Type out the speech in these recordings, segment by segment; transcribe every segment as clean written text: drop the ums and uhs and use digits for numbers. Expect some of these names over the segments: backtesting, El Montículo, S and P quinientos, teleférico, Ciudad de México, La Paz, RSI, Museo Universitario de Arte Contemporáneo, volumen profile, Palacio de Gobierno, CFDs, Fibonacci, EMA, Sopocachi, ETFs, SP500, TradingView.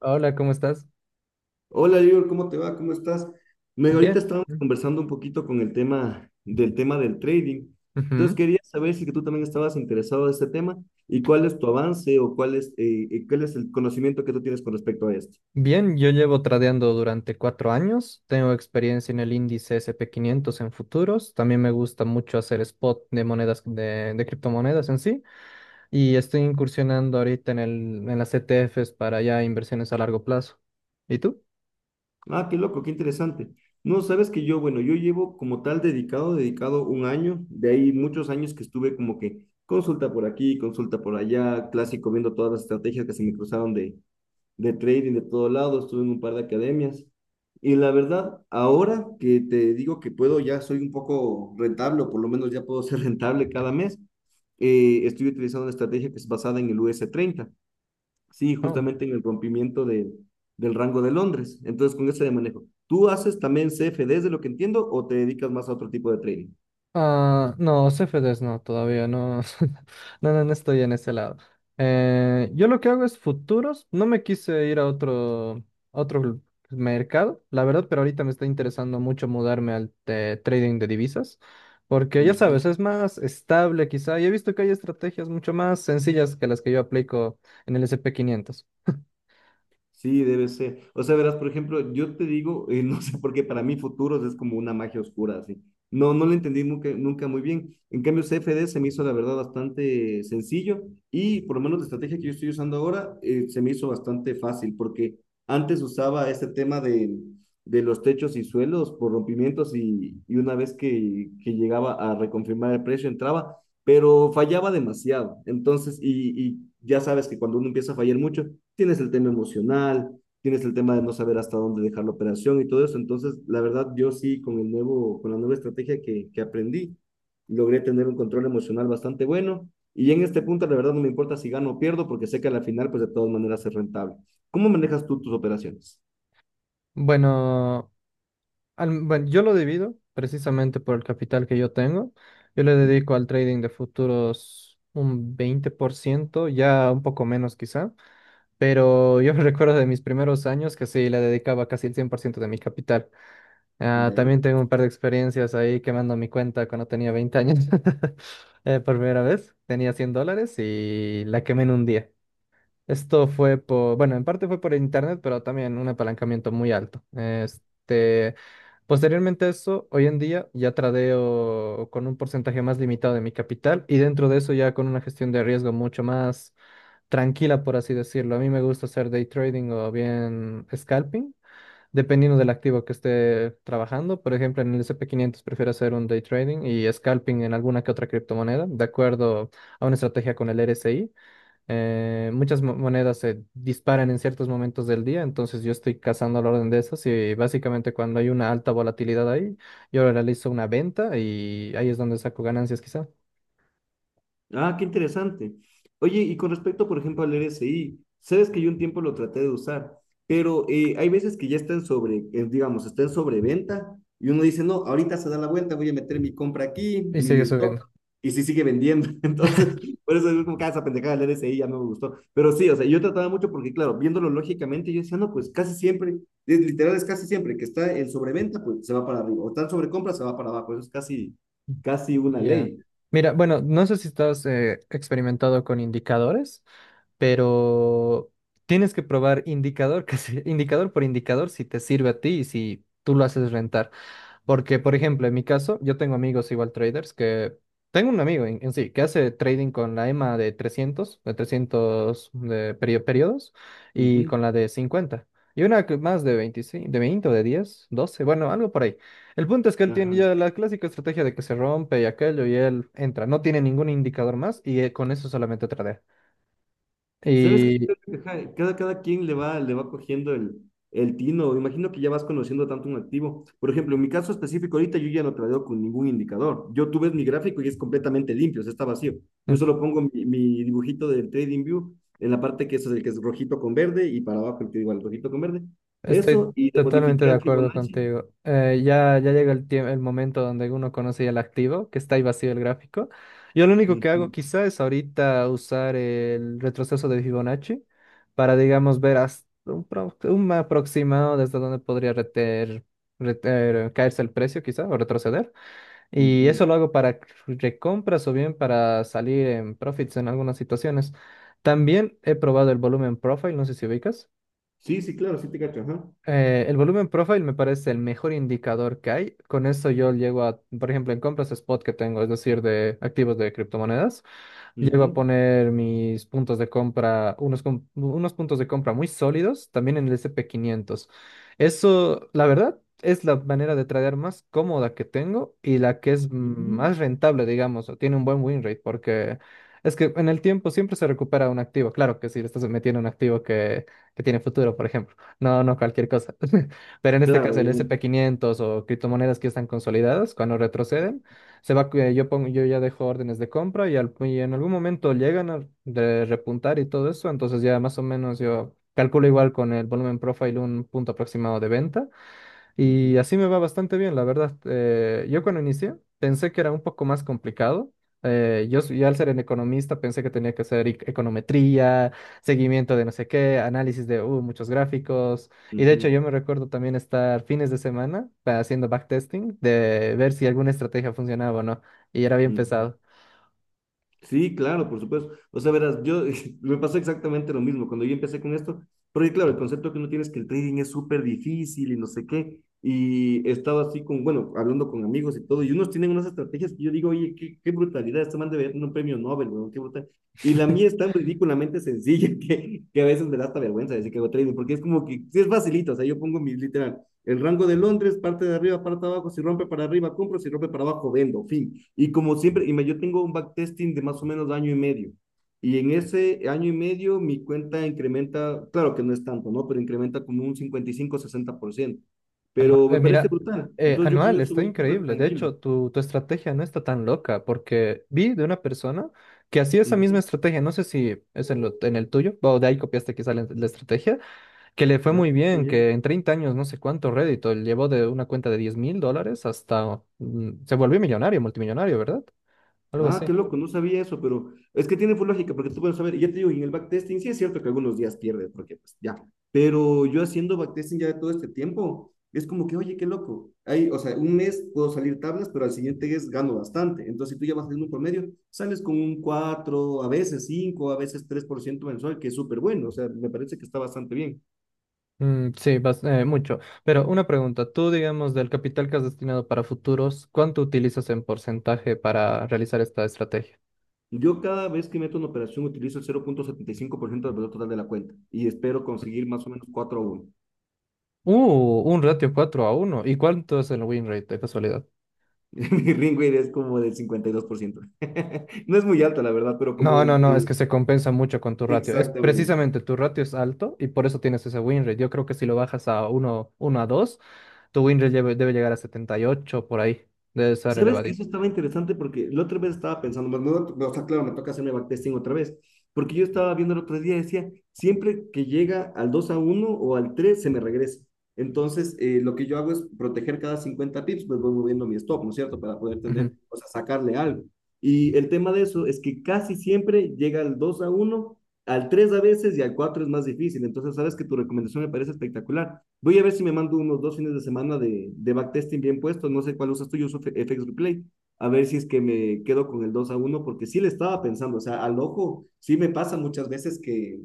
Hola, ¿cómo estás? Hola, Lior, ¿cómo te va? ¿Cómo estás? Ahorita Bien. estábamos conversando un poquito con el tema del trading. Entonces Ujú. quería saber si que tú también estabas interesado en este tema y cuál es tu avance o cuál es el conocimiento que tú tienes con respecto a esto. Bien, yo llevo tradeando durante 4 años. Tengo experiencia en el índice S&P 500 en futuros. También me gusta mucho hacer spot de monedas, de criptomonedas en sí. Y estoy incursionando ahorita en las ETFs para ya inversiones a largo plazo. ¿Y tú? Ah, qué loco, qué interesante. No, sabes que yo, bueno, yo llevo como tal dedicado un año, de ahí muchos años que estuve como que consulta por aquí, consulta por allá, clásico, viendo todas las estrategias que se me cruzaron de trading de todo lado, estuve en un par de academias. Y la verdad, ahora que te digo que puedo, ya soy un poco rentable, o por lo menos ya puedo ser rentable cada mes, estoy utilizando una estrategia que es basada en el us treinta sí, justamente en el rompimiento de, del rango de Londres. Entonces, con ese de manejo. ¿Tú haces también CFDs de lo que entiendo o te dedicas más a otro tipo de trading? Ah, no, CFDs no, todavía no, no, no, no estoy en ese lado. Yo lo que hago es futuros, no me quise ir a otro mercado, la verdad, pero ahorita me está interesando mucho mudarme al de trading de divisas, porque ya Ujú. sabes, es más estable quizá, y he visto que hay estrategias mucho más sencillas que las que yo aplico en el S&P 500. Sí, debe ser. O sea, verás, por ejemplo, yo te digo, no sé por qué para mí futuros es como una magia oscura, así. No, no lo entendí nunca, nunca muy bien. En cambio, CFD se me hizo, la verdad, bastante sencillo y por lo menos la estrategia que yo estoy usando ahora se me hizo bastante fácil porque antes usaba este tema de los techos y suelos por rompimientos y una vez que llegaba a reconfirmar el precio, entraba pero fallaba demasiado. Entonces, ya sabes que cuando uno empieza a fallar mucho, tienes el tema emocional, tienes el tema de no saber hasta dónde dejar la operación y todo eso. Entonces, la verdad, yo sí, con el nuevo, con la nueva estrategia que aprendí, logré tener un control emocional bastante bueno. Y en este punto, la verdad, no me importa si gano o pierdo, porque sé que a la final, pues de todas maneras es rentable. ¿Cómo manejas tú tus operaciones? Bueno. Bueno, yo lo divido precisamente por el capital que yo tengo. Yo le dedico al trading de futuros un 20%, ya un poco menos quizá, pero yo recuerdo de mis primeros años que sí, le dedicaba casi el 100% de mi capital. Ah, ¿Ya? también tengo un par de experiencias ahí quemando mi cuenta cuando tenía 20 años. Por primera vez tenía $100 y la quemé en un día. Esto fue por, bueno, en parte fue por internet, pero también un apalancamiento muy alto. Posteriormente a eso, hoy en día ya tradeo con un porcentaje más limitado de mi capital y dentro de eso ya con una gestión de riesgo mucho más tranquila, por así decirlo. A mí me gusta hacer day trading o bien scalping, dependiendo del activo que esté trabajando. Por ejemplo, en el S&P 500 prefiero hacer un day trading, y scalping en alguna que otra criptomoneda, de acuerdo a una estrategia con el RSI. Muchas monedas se disparan en ciertos momentos del día, entonces yo estoy cazando al orden de esas, y básicamente cuando hay una alta volatilidad ahí, yo realizo una venta y ahí es donde saco ganancias quizá. Ah, qué interesante. Oye, y con respecto, por ejemplo, al RSI, sabes que yo un tiempo lo traté de usar, pero hay veces que ya está en sobre, digamos, está en sobreventa y uno dice, no, ahorita se da la vuelta, voy a meter mi compra aquí, Y mi sigue stop, subiendo. y si sigue vendiendo. Entonces, por eso es como que "Ah, esa pendejada del RSI ya no me gustó." Pero sí, o sea, yo trataba mucho porque, claro, viéndolo lógicamente, yo decía, no, pues casi siempre, literal es casi siempre que está en sobreventa, pues se va para arriba, o está en sobrecompra, se va para abajo. Eso es casi, casi una Ya. ley. Mira, bueno, no sé si estás experimentado con indicadores, pero tienes que probar indicador, indicador por indicador, si te sirve a ti y si tú lo haces rentar. Porque, por ejemplo, en mi caso, yo tengo amigos igual traders que... Tengo un amigo en sí que hace trading con la EMA de 300, de periodos, y con Ujú. la de 50. Y una que más de 25, de 20, o de 10, 12, bueno, algo por ahí. El punto es que él tiene Ajá. ya la clásica estrategia de que se rompe y aquello y él entra. No tiene ningún indicador más, y con eso solamente tradea. Sabes que yo Y... creo que, ajá, cada quien le va cogiendo el tino. Imagino que ya vas conociendo tanto un activo. Por ejemplo, en mi caso específico, ahorita yo ya no traigo con ningún indicador. Yo tú ves mi gráfico y es completamente limpio, o sea, está vacío. Yo Mm. solo pongo mi dibujito del TradingView en la parte que es el que es rojito con verde y para abajo el que igual rojito con verde. Eso Estoy y le totalmente modifiqué de al acuerdo Fibonacci. contigo. Ya, ya llega el tiempo, el momento donde uno conoce ya el activo, que está ahí vacío el gráfico. Yo lo único que hago Ujú, quizá es ahorita usar el retroceso de Fibonacci para, digamos, ver hasta un aproximado desde donde podría caerse el precio quizá, o retroceder. Y ujú. eso lo hago para recompras, o bien para salir en profits en algunas situaciones. También he probado el volumen profile, no sé si ubicas. Sí, sí, claro, sí te cacho. Ajá. El volumen profile me parece el mejor indicador que hay. Con eso yo llego a, por ejemplo, en compras spot que tengo, es decir, de activos de criptomonedas. Llego a Ujú, poner mis puntos de compra, unos puntos de compra muy sólidos, también en el S&P 500. Eso, la verdad, es la manera de tradear más cómoda que tengo, y la que es ujú. más rentable, digamos, o tiene un buen win rate, porque es que en el tiempo siempre se recupera un activo. Claro que si le estás metiendo un activo que tiene futuro, por ejemplo. No, no cualquier cosa. Pero en este Claro, caso, el obviamente. S&P 500 o criptomonedas que están consolidadas, cuando retroceden, se va, yo pongo, yo ya dejo órdenes de compra, y, y en algún momento llegan a de repuntar y todo eso, entonces ya más o menos yo calculo igual con el volumen profile un punto aproximado de venta, y Ujú, así me va bastante bien, la verdad. Yo cuando inicié pensé que era un poco más complicado. Yo, al ser un economista, pensé que tenía que hacer econometría, seguimiento de no sé qué, análisis de muchos gráficos. Y de hecho ujú, yo me recuerdo también estar fines de semana haciendo backtesting, de ver si alguna estrategia funcionaba o no. Y era bien ujú. pesado. Sí, claro, por supuesto. O sea, verás, yo me pasó exactamente lo mismo cuando yo empecé con esto, porque claro, el concepto que uno tiene es que el trading es súper difícil y no sé qué, y he estado así con, bueno, hablando con amigos y todo, y unos tienen unas estrategias que yo digo, oye, qué brutalidad, este man debe ganar un premio Nobel, weón, qué brutal. Y la mía es tan ridículamente sencilla que a veces me da hasta vergüenza decir que hago trading, porque es como que sí es facilito, o sea, yo pongo mis, literal, el rango de Londres, parte de arriba, parte de abajo, si rompe para arriba, compro, si rompe para abajo, vendo, fin. Y como siempre, yo tengo un backtesting de más o menos año y medio. Y en ese año y medio mi cuenta incrementa, claro que no es tanto, ¿no? Pero incrementa como un 55 a 60%. Anual, Pero me parece mira, brutal. Entonces yo con anual, eso está voy súper increíble. De tranquilo. hecho, tu estrategia no está tan loca, porque vi de una persona que hacía Uh esa misma -huh. estrategia, no sé si es en el tuyo, o de ahí copiaste quizá la estrategia, que le fue Ah, muy sí, bien, yeah. que en 30 años, no sé cuánto rédito, él llevó de una cuenta de $10,000 hasta... Mm, se volvió millonario, multimillonario, ¿verdad? Algo Ah, qué así. loco, no sabía eso, pero es que tiene full lógica, porque tú puedes saber, y ya te digo, en el backtesting sí es cierto que algunos días pierdes, porque pues ya, pero yo haciendo backtesting ya de todo este tiempo, es como que, oye, qué loco, ahí, o sea, un mes puedo salir tablas, pero al siguiente es gano bastante, entonces si tú ya vas haciendo un promedio, sales con un 4, a veces 5, a veces 3% mensual, que es súper bueno, o sea, me parece que está bastante bien. Mm, sí, mucho. Pero una pregunta, tú, digamos, del capital que has destinado para futuros, ¿cuánto utilizas en porcentaje para realizar esta estrategia? Yo cada vez que meto una operación utilizo el 0,75% del valor total de la cuenta y espero conseguir más o menos 4 a uno. Un ratio 4-1. ¿Y cuánto es el win rate de casualidad? Mi ring rate es como del 52%. No es muy alto, la verdad, pero No, no, como... no, es que se compensa mucho con tu ratio. Es exactamente. precisamente tu ratio es alto y por eso tienes ese win rate. Yo creo que si lo bajas a 1-2, tu win rate debe llegar a 78 por ahí. Debe ser ¿Sabes que eso elevadito. estaba interesante? Porque la otra vez estaba pensando, más, no, no, o sea, claro, me toca hacerme backtesting otra vez, porque yo estaba viendo el otro día, decía, siempre que llega al 2 a uno o al 3 se me regresa. Entonces, lo que yo hago es proteger cada 50 pips, pues voy moviendo mi stop, ¿no es cierto? Para poder Ujú. tener, o sea, sacarle algo. Y el tema de eso es que casi siempre llega al 2 a uno, al 3 a veces y al 4 es más difícil. Entonces, sabes que tu recomendación me parece espectacular. Voy a ver si me mando unos dos fines de semana de backtesting bien puesto. No sé cuál usas tú, yo uso FX Replay. A ver si es que me quedo con el 2 a uno porque sí le estaba pensando. O sea, al ojo, sí me pasa muchas veces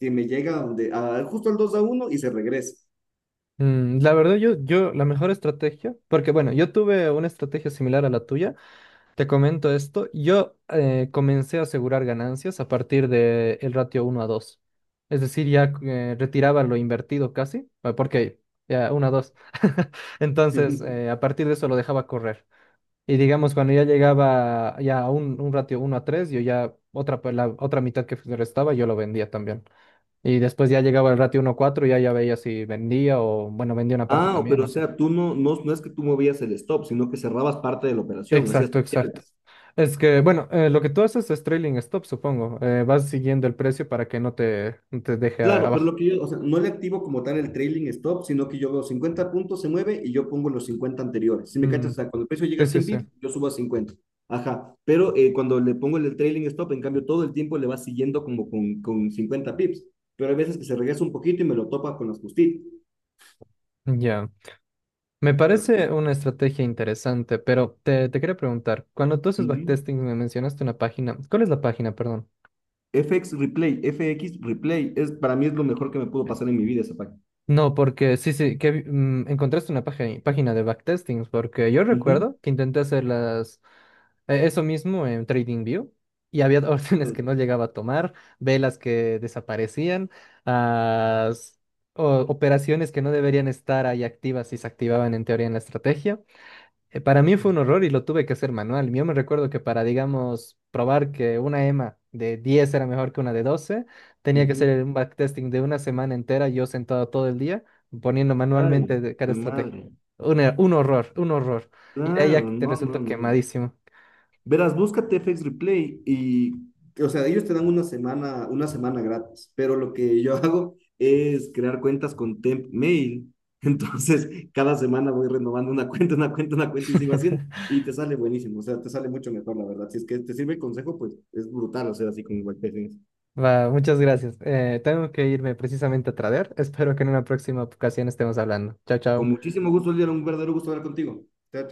que me llega donde, justo al 2 a uno y se regresa. La verdad, yo, la mejor estrategia, porque bueno, yo tuve una estrategia similar a la tuya. Te comento esto. Yo comencé a asegurar ganancias a partir del ratio 1-2. Es decir, ya retiraba lo invertido casi, porque ya 1-2. Entonces, a partir de eso lo dejaba correr. Y digamos, cuando ya llegaba ya a un ratio 1-3, yo ya otra, la otra mitad que me restaba, yo lo vendía también. Y después ya llegaba el ratio 1-4, ya ya veía si vendía, o, bueno, vendía una parte Ah, también, pero no. o sea, tú no, no, no es que tú movías el stop, sino que cerrabas parte de la operación, hacías Exacto, exacto. parciales. Es que, bueno, lo que tú haces es trailing stop, supongo. Vas siguiendo el precio para que no te deje Claro, pero abajo. lo que yo, o sea, no le activo como tal el trailing stop, sino que yo veo cincuenta puntos, se mueve y yo pongo los 50 anteriores. Si me Mm, cachas, o sea, cuando el precio llega a sí, sí, 100 sí. pips, yo subo a 50. Ajá, pero cuando le pongo el trailing stop, en cambio, todo el tiempo le va siguiendo como con 50 pips. Pero hay veces que se regresa un poquito y me lo topa con las justitas. Ya. Me Ajá. parece una estrategia interesante, pero te quería preguntar, cuando tú haces Ujú. backtesting me mencionaste una página. ¿Cuál es la página, perdón? FX Replay, FX Replay, es, para mí es lo mejor que me pudo Ok. pasar en mi vida esa página. No, porque sí, sí, que encontraste una página, página de backtestings, porque yo Ujú. recuerdo que intenté hacer las, eso mismo en TradingView. Y había órdenes que no Ok. llegaba a tomar, velas que desaparecían, ah, s- operaciones que no deberían estar ahí activas y se activaban en teoría en la estrategia. Para mí fue un horror y lo tuve que hacer manual. Yo me recuerdo que para, digamos, probar que una EMA de 10 era mejor que una de 12, tenía que Ujú. hacer un backtesting de una semana entera, yo sentado todo el día, poniendo Ay, manualmente de cada qué estrategia. madre. Un horror, un horror. Y de ahí ya Claro, que te no, no, resultó no. quemadísimo. Verás, búscate FX Replay y, o sea, ellos te dan una semana gratis, pero lo que yo hago es crear cuentas con Temp Mail. Entonces, cada semana voy renovando una cuenta, una cuenta, una cuenta y sigo haciendo. Y te sale buenísimo, o sea, te sale mucho mejor, la verdad. Si es que te sirve el consejo, pues es brutal hacer así con WordPress. Va, muchas gracias. Tengo que irme precisamente a traer. Espero que en una próxima ocasión estemos hablando. Chao, Con chao. muchísimo gusto, Lidia, un verdadero gusto hablar contigo. Te-